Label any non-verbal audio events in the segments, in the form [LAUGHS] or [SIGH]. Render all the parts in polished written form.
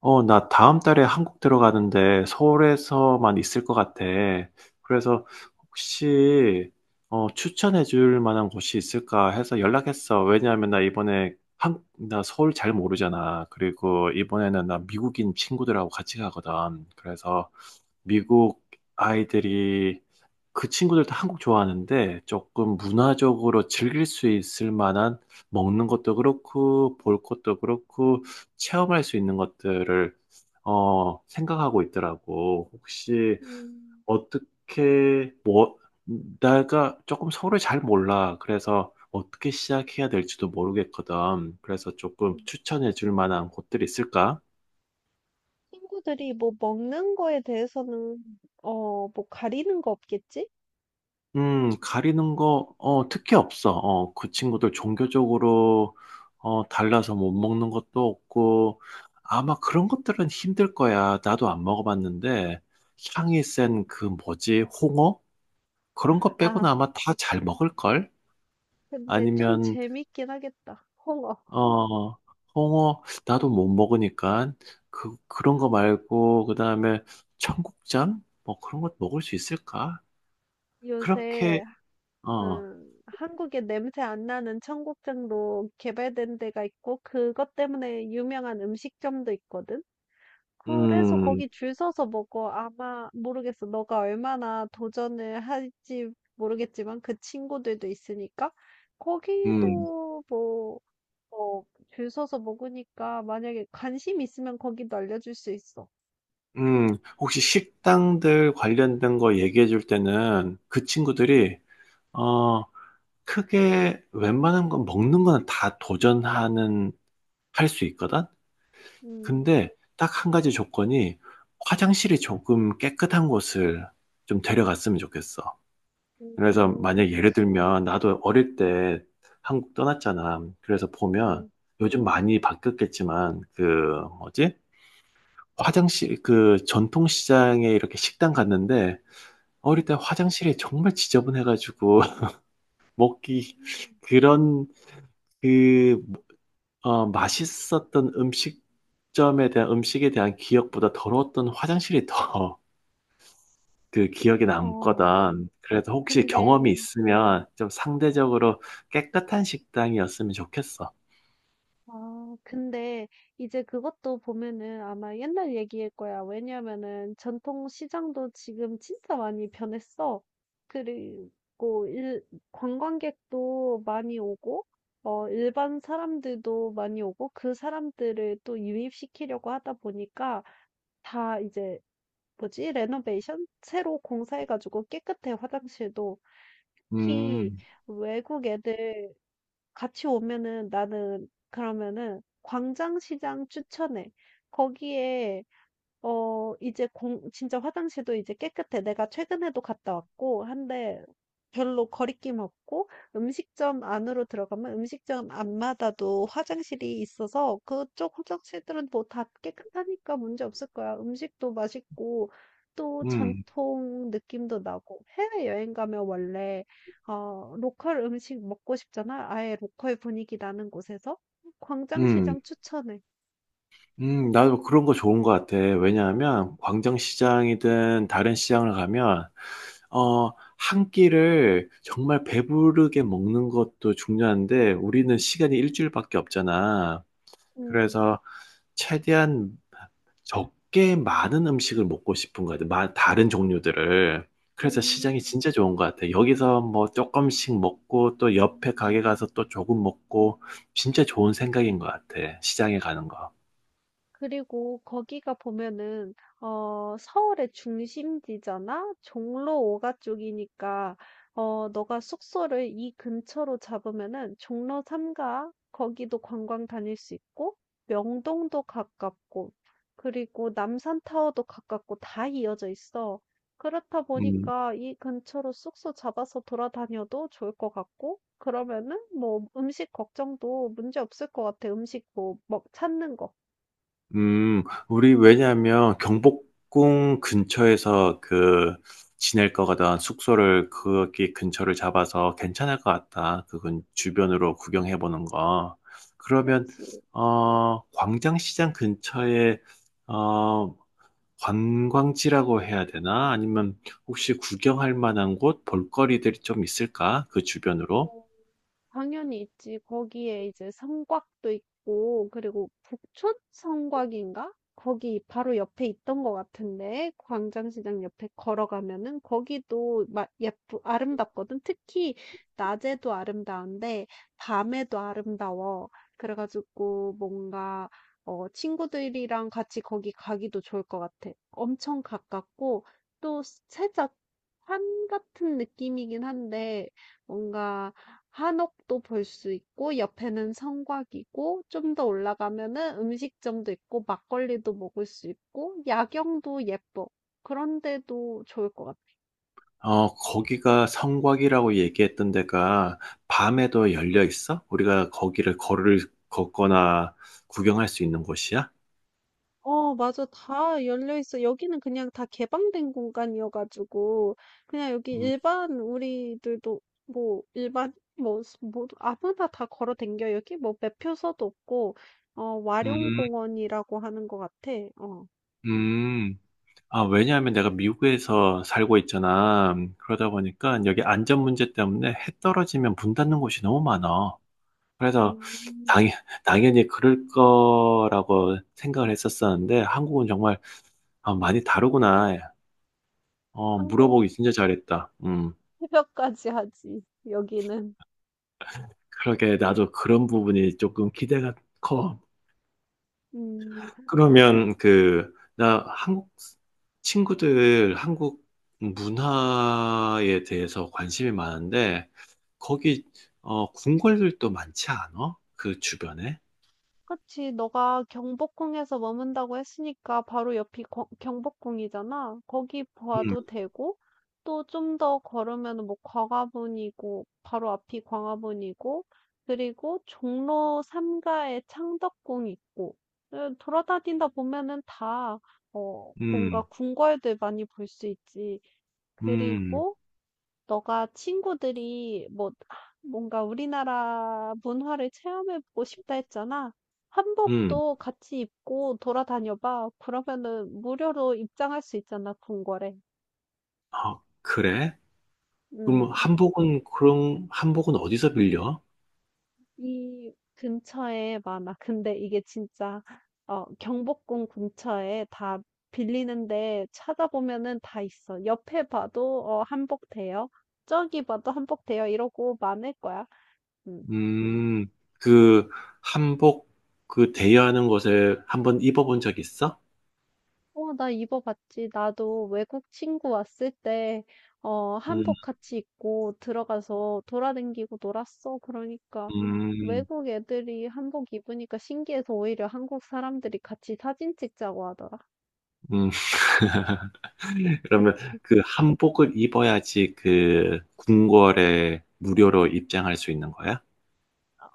나 다음 달에 한국 들어가는데 서울에서만 있을 것 같아. 그래서 혹시 추천해 줄 만한 곳이 있을까 해서 연락했어. 왜냐하면 나 서울 잘 모르잖아. 그리고 이번에는 나 미국인 친구들하고 같이 가거든. 그래서 미국 아이들이 그 친구들도 한국 좋아하는데 조금 문화적으로 즐길 수 있을 만한, 먹는 것도 그렇고 볼 것도 그렇고 체험할 수 있는 것들을 생각하고 있더라고. 혹시 음. 어떻게 뭐, 내가 조금 서울을 잘 몰라. 그래서 어떻게 시작해야 될지도 모르겠거든. 그래서 조금 음. 추천해 줄 만한 곳들이 있을까? 친구들이 뭐 먹는 거에 대해서는 뭐 가리는 거 없겠지? 가리는 거, 특히 없어. 어, 그 친구들 종교적으로, 달라서 못 먹는 것도 없고, 아마 그런 것들은 힘들 거야. 나도 안 먹어봤는데, 향이 센 그 뭐지, 홍어? 그런 거 빼고는 아, 아마 다 잘 먹을걸? 근데 좀 아니면, 재밌긴 하겠다. [LAUGHS] 홍어. 어, 홍어, 나도 못 먹으니까, 그런 거 말고, 그 다음에 청국장? 뭐 그런 것 먹을 수 있을까? 요새. 그렇게, 어, 한국에 냄새 안 나는 청국장도 개발된 데가 있고 그것 때문에 유명한 음식점도 있거든. 그래서 음, 거기 줄 서서 먹어. 아마 모르겠어. 너가 얼마나 도전을 할지 모르겠지만 그 친구들도 있으니까 음. 거기도 뭐 어, 줄 서서 먹으니까 만약에 관심 있으면 거기도 알려줄 수 있어. 혹시 식당들 관련된 거 얘기해 줄 때는 그 음, 친구들이, 어, 크게 웬만한 건 먹는 거는 할 수 있거든? 음, 근데 딱 한 가지 조건이, 화장실이 조금 깨끗한 곳을 좀 데려갔으면 좋겠어. 그래서 그치. 만약 예를 음, 들면, 나도 어릴 때 한국 떠났잖아. 그래서 보면 음. 요즘 많이 바뀌었겠지만 그 뭐지, 화장실, 그 전통시장에 이렇게 식당 갔는데 어릴 음. 때 화장실이 정말 지저분해가지고 [LAUGHS] 먹기, 그런 그 맛있었던 음식점에 대한 음식에 대한 기억보다 더러웠던 화장실이 더 [LAUGHS] 그 기억에 어, 남거든. 그래서 혹시 경험이 근데, 있으면 좀 상대적으로 깨끗한 식당이었으면 좋겠어. 근데 이제 그것도 보면은 아마 옛날 얘기일 거야. 왜냐면은 전통 시장도 지금 진짜 많이 변했어. 그리고 관광객도 많이 오고, 일반 사람들도 많이 오고, 그 사람들을 또 유입시키려고 하다 보니까 다 이제 뭐지? 레노베이션? 새로 공사해가지고 깨끗해, 화장실도. 특히 음, 외국 애들 같이 오면은 나는 그러면은 광장시장 추천해. 거기에 이제 공 진짜 화장실도 이제 깨끗해. 내가 최근에도 갔다 왔고 한데 별로 거리낌 없고 음식점 안으로 들어가면 음식점 앞마다도 화장실이 있어서 그쪽 화장실들은 뭐 다 깨끗하니까 문제 없을 거야. 음식도 맛있고 또 음, 전통 느낌도 나고 해외여행 가면 원래 로컬 음식 먹고 싶잖아. 아예 로컬 분위기 나는 곳에서 음. 광장시장 추천해. 나도 그런 거 좋은 것 같아. 왜냐하면 광장시장이든 다른 시장을 가면 어, 한 끼를 정말 배부르게 먹는 것도 중요한데 우리는 시간이 일주일밖에 없잖아. 음. 그래서 최대한 적게 많은 음식을 먹고 싶은 거 같아. 다른 종류들을. 그래서 시장이 음. 진짜 좋은 것 같아. 여기서 뭐 조금씩 먹고 또 옆에 가게 가서 또 조금 먹고, 진짜 좋은 생각인 것 같아, 시장에 가는 거. 그리고 거기가 보면은 서울의 중심지잖아. 종로 5가 쪽이니까 너가 숙소를 이 근처로 잡으면은 종로 3가 거기도 관광 다닐 수 있고 명동도 가깝고 그리고 남산타워도 가깝고 다 이어져 있어. 그렇다 음. 보니까 이 근처로 숙소 잡아서 돌아다녀도 좋을 것 같고 그러면은 뭐 음식 걱정도 문제 없을 것 같아. 음식 뭐 찾는 거. 우리 왜냐하면 경복궁 근처에서 그 지낼 거거든. 숙소를 거기 근처를 잡아서 괜찮을 것 같다, 그건 주변으로 구경해 보는 거. 그러면 그치? 어, 광장시장 근처에 어, 관광지라고 해야 되나? 아니면 혹시 구경할 만한 곳, 볼거리들이 좀 있을까, 그 주변으로? 당연히 있지. 거기에 이제 성곽도 있고, 그리고 북촌 성곽인가? 거기 바로 옆에 있던 것 같은데, 광장시장 옆에 걸어가면은 거기도 막 아름답거든. 특히 낮에도 아름다운데, 밤에도 아름다워. 그래가지고 뭔가, 친구들이랑 같이 거기 가기도 좋을 것 같아. 엄청 가깝고, 또 살짝 산 같은 느낌이긴 한데, 뭔가, 한옥도 볼 수 있고 옆에는 성곽이고 좀 더 올라가면은 음식점도 있고 막걸리도 먹을 수 있고 야경도 예뻐. 그런데도 좋을 것 같아. 어, 거기가 성곽이라고 얘기했던 데가 밤에도 열려 있어? 우리가 거기를 걸을 걷거나 구경할 수 있는 곳이야? 맞아. 다 열려 있어. 여기는 그냥 다 개방된 공간이어가지고, 그냥 여기 음, 일반, 우리들도, 뭐, 일반, 뭐, 뭐, 아무나 다 걸어 댕겨. 여기 뭐, 매표소도 없고, 음, 와룡공원이라고 하는 것 같아. 어. 음. 아, 왜냐하면 내가 미국에서 살고 있잖아. 그러다 보니까 여기 안전 문제 때문에 해 떨어지면 문 닫는 곳이 너무 많아. 그래서 당, 음, 당연히 그럴 거라고 생각을 했었었는데 한국은 정말, 아, 많이 다르구나. 어, 한국 물어보기 진짜 잘했다. 음. 새벽까지 하지, 여기는. 그러게, 나도 그런 부분이 조금 기대가 커. 음, 그러면 그, 나 한국 친구들 한국 문화에 대해서 관심이 많은데 거기 어, 궁궐들도 많지 않아, 그 주변에? 그치. 너가 경복궁에서 머문다고 했으니까 바로 옆이 거- 경복궁이잖아. 거기 음, 봐도 되고, 또 좀 더 걸으면 뭐 광화문이고, 바로 앞이 광화문이고, 그리고 종로 3가에 창덕궁 있고, 돌아다니다 보면은 다, 뭔가 음, 궁궐들 많이 볼 수 있지. 음, 그리고 너가 친구들이 뭐 뭔가 우리나라 문화를 체험해 보고 싶다 했잖아. 음. 한복도 같이 입고 돌아다녀 봐. 그러면은 무료로 입장할 수 있잖아, 궁궐에. 아, 그래? 그럼 음. 한복은 그런 한복은 어디서 빌려? 이 근처에 많아. 근데 이게 진짜 경복궁 근처에 다 빌리는데 찾아보면은 다 있어. 옆에 봐도 한복 돼요. 저기 봐도 한복 돼요. 이러고 많을 거야. 음. 음, 그 한복 그 대여하는 곳에 한번 입어본 적 있어? 나 입어봤지. 나도 외국 친구 왔을 때, 음. 한복 같이 입고 들어가서 돌아다니고 놀았어. 그러니까 음, 외국 애들이 한복 입으니까 신기해서 오히려 한국 사람들이 같이 사진 찍자고 하더라. 음. [LAUGHS] 그러면 그 한복을 입어야지 그 궁궐에 무료로 입장할 수 있는 거야?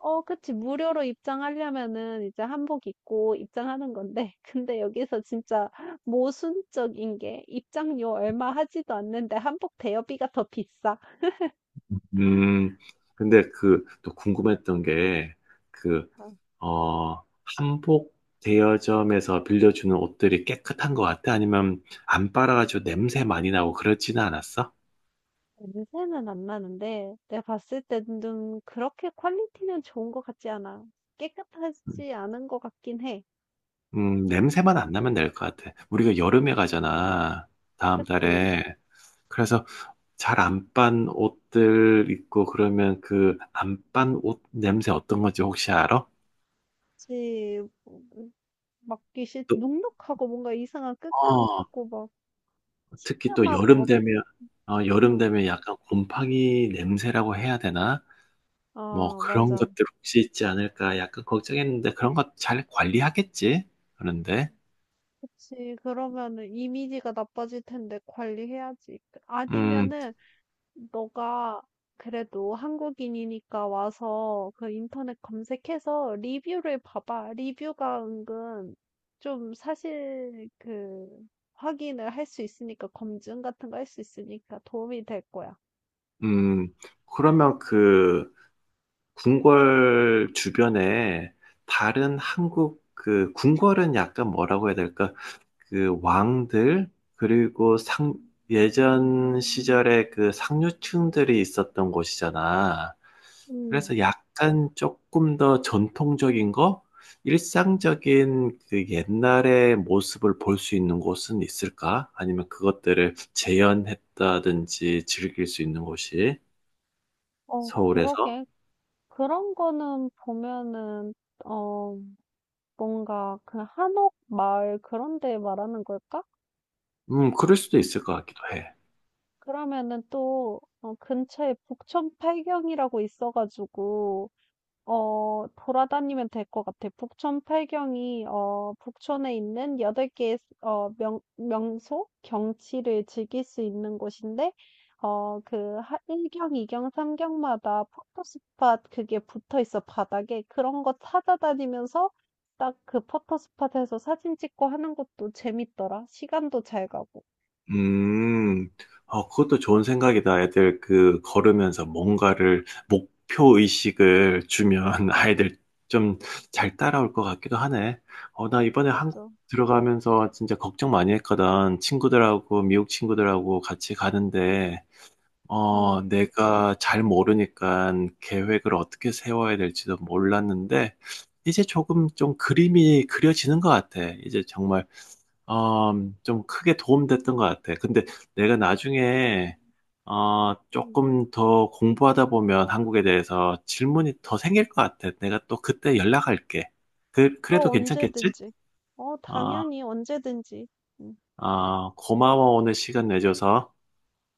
그치. 무료로 입장하려면은 이제 한복 입고 입장하는 건데. [LAUGHS] 근데 여기서 진짜 모순적인 게 입장료 얼마 하지도 않는데 한복 대여비가 더 비싸. 음, 근데 그 또 궁금했던 게 그, 어, 한복 대여점에서 빌려주는 옷들이 깨끗한 것 같아? 아니면 안 빨아가지고 냄새 많이 나고 그렇지는 않았어? 냄새는 안 나는데 내가 봤을 때는 좀 그렇게 퀄리티는 좋은 것 같지 않아. 깨끗하지 않은 것 같긴 해. 어, 냄새만 안 나면 될 것 같아. 우리가 여름에 음, 가잖아, 다음 그치. 달에. 음. 그래서 잘 안 빤 옷들 입고 그러면 그 안 빤 옷 냄새 어떤 건지 혹시 알아? 그치. 음, 또 눅눅하고 뭔가 이상한 어. 끄급하고 막 특히 또 시큼하고 여름 막, 되면, 응. 약간 곰팡이 냄새라고 해야 되나? 뭐 아, 그런 맞아. 것들 혹시 있지 않을까 약간 걱정했는데, 그런 거 잘 관리하겠지? 그런데 그치. 그러면은 이미지가 나빠질 텐데 관리해야지. 음, 아니면은 너가 그래도 한국인이니까 와서 그 인터넷 검색해서 리뷰를 봐봐. 리뷰가 은근 좀 사실 그 확인을 할 수 있으니까 검증 같은 거 할 수 있으니까 도움이 될 거야. 음. 그러면 그 궁궐 주변에, 다른 한국 그 궁궐은 약간 뭐라고 해야 될까? 그 왕들, 그리고 상, 예전 시절에 그 상류층들이 있었던 곳이잖아. 음, 그래서 약간 조금 더 전통적인 거? 일상적인 그 옛날의 모습을 볼 수 있는 곳은 있을까? 아니면 그것들을 재현했다든지 즐길 수 있는 곳이 서울에서? 그러게. 그런 거는 보면은, 어, 뭔가 그 한옥 마을 그런 데 말하는 걸까? 그럴 수도 음, 있을 것 같기도 해. 그러면은 또, 근처에 북촌 팔경이라고 있어가지고, 돌아다니면 될 것 같아. 북촌 팔경이 북촌에 있는 8개의 명소, 경치를 즐길 수 있는 곳인데 그 1경, 2경, 3경마다 포토스팟 그게 붙어 있어 바닥에. 그런 거 찾아다니면서 딱 그 포토스팟에서 사진 찍고 하는 것도 재밌더라. 시간도 잘 가고. 음, 어, 그것도 좋은 생각이다. 애들 그 걸으면서 뭔가를 목표 의식을 주면 [LAUGHS] 아이들 좀 잘 따라올 것 같기도 하네. 어, 나 이번에 한국 맞아. 들어가면서 진짜 걱정 많이 했거든. 친구들하고 미국 친구들하고 같이 가는데 어, 음. 내가 잘 모르니까 계획을 어떻게 세워야 될지도 몰랐는데 이제 조금 좀 그림이 그려지는 것 같아. 이제 정말 어, 좀 크게 도움됐던 것 같아. 근데 내가 나중에 어, 음. 조금 더 공부하다 보면 한국에 대해서 질문이 더 생길 것 같아. 내가 또 그때 연락할게. 그래도 괜찮겠지? 언제든지. 어, 당연히 언제든지. 어, 고마워, 오늘 시간 내줘서.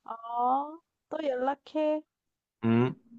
어, 또 연락해. 음.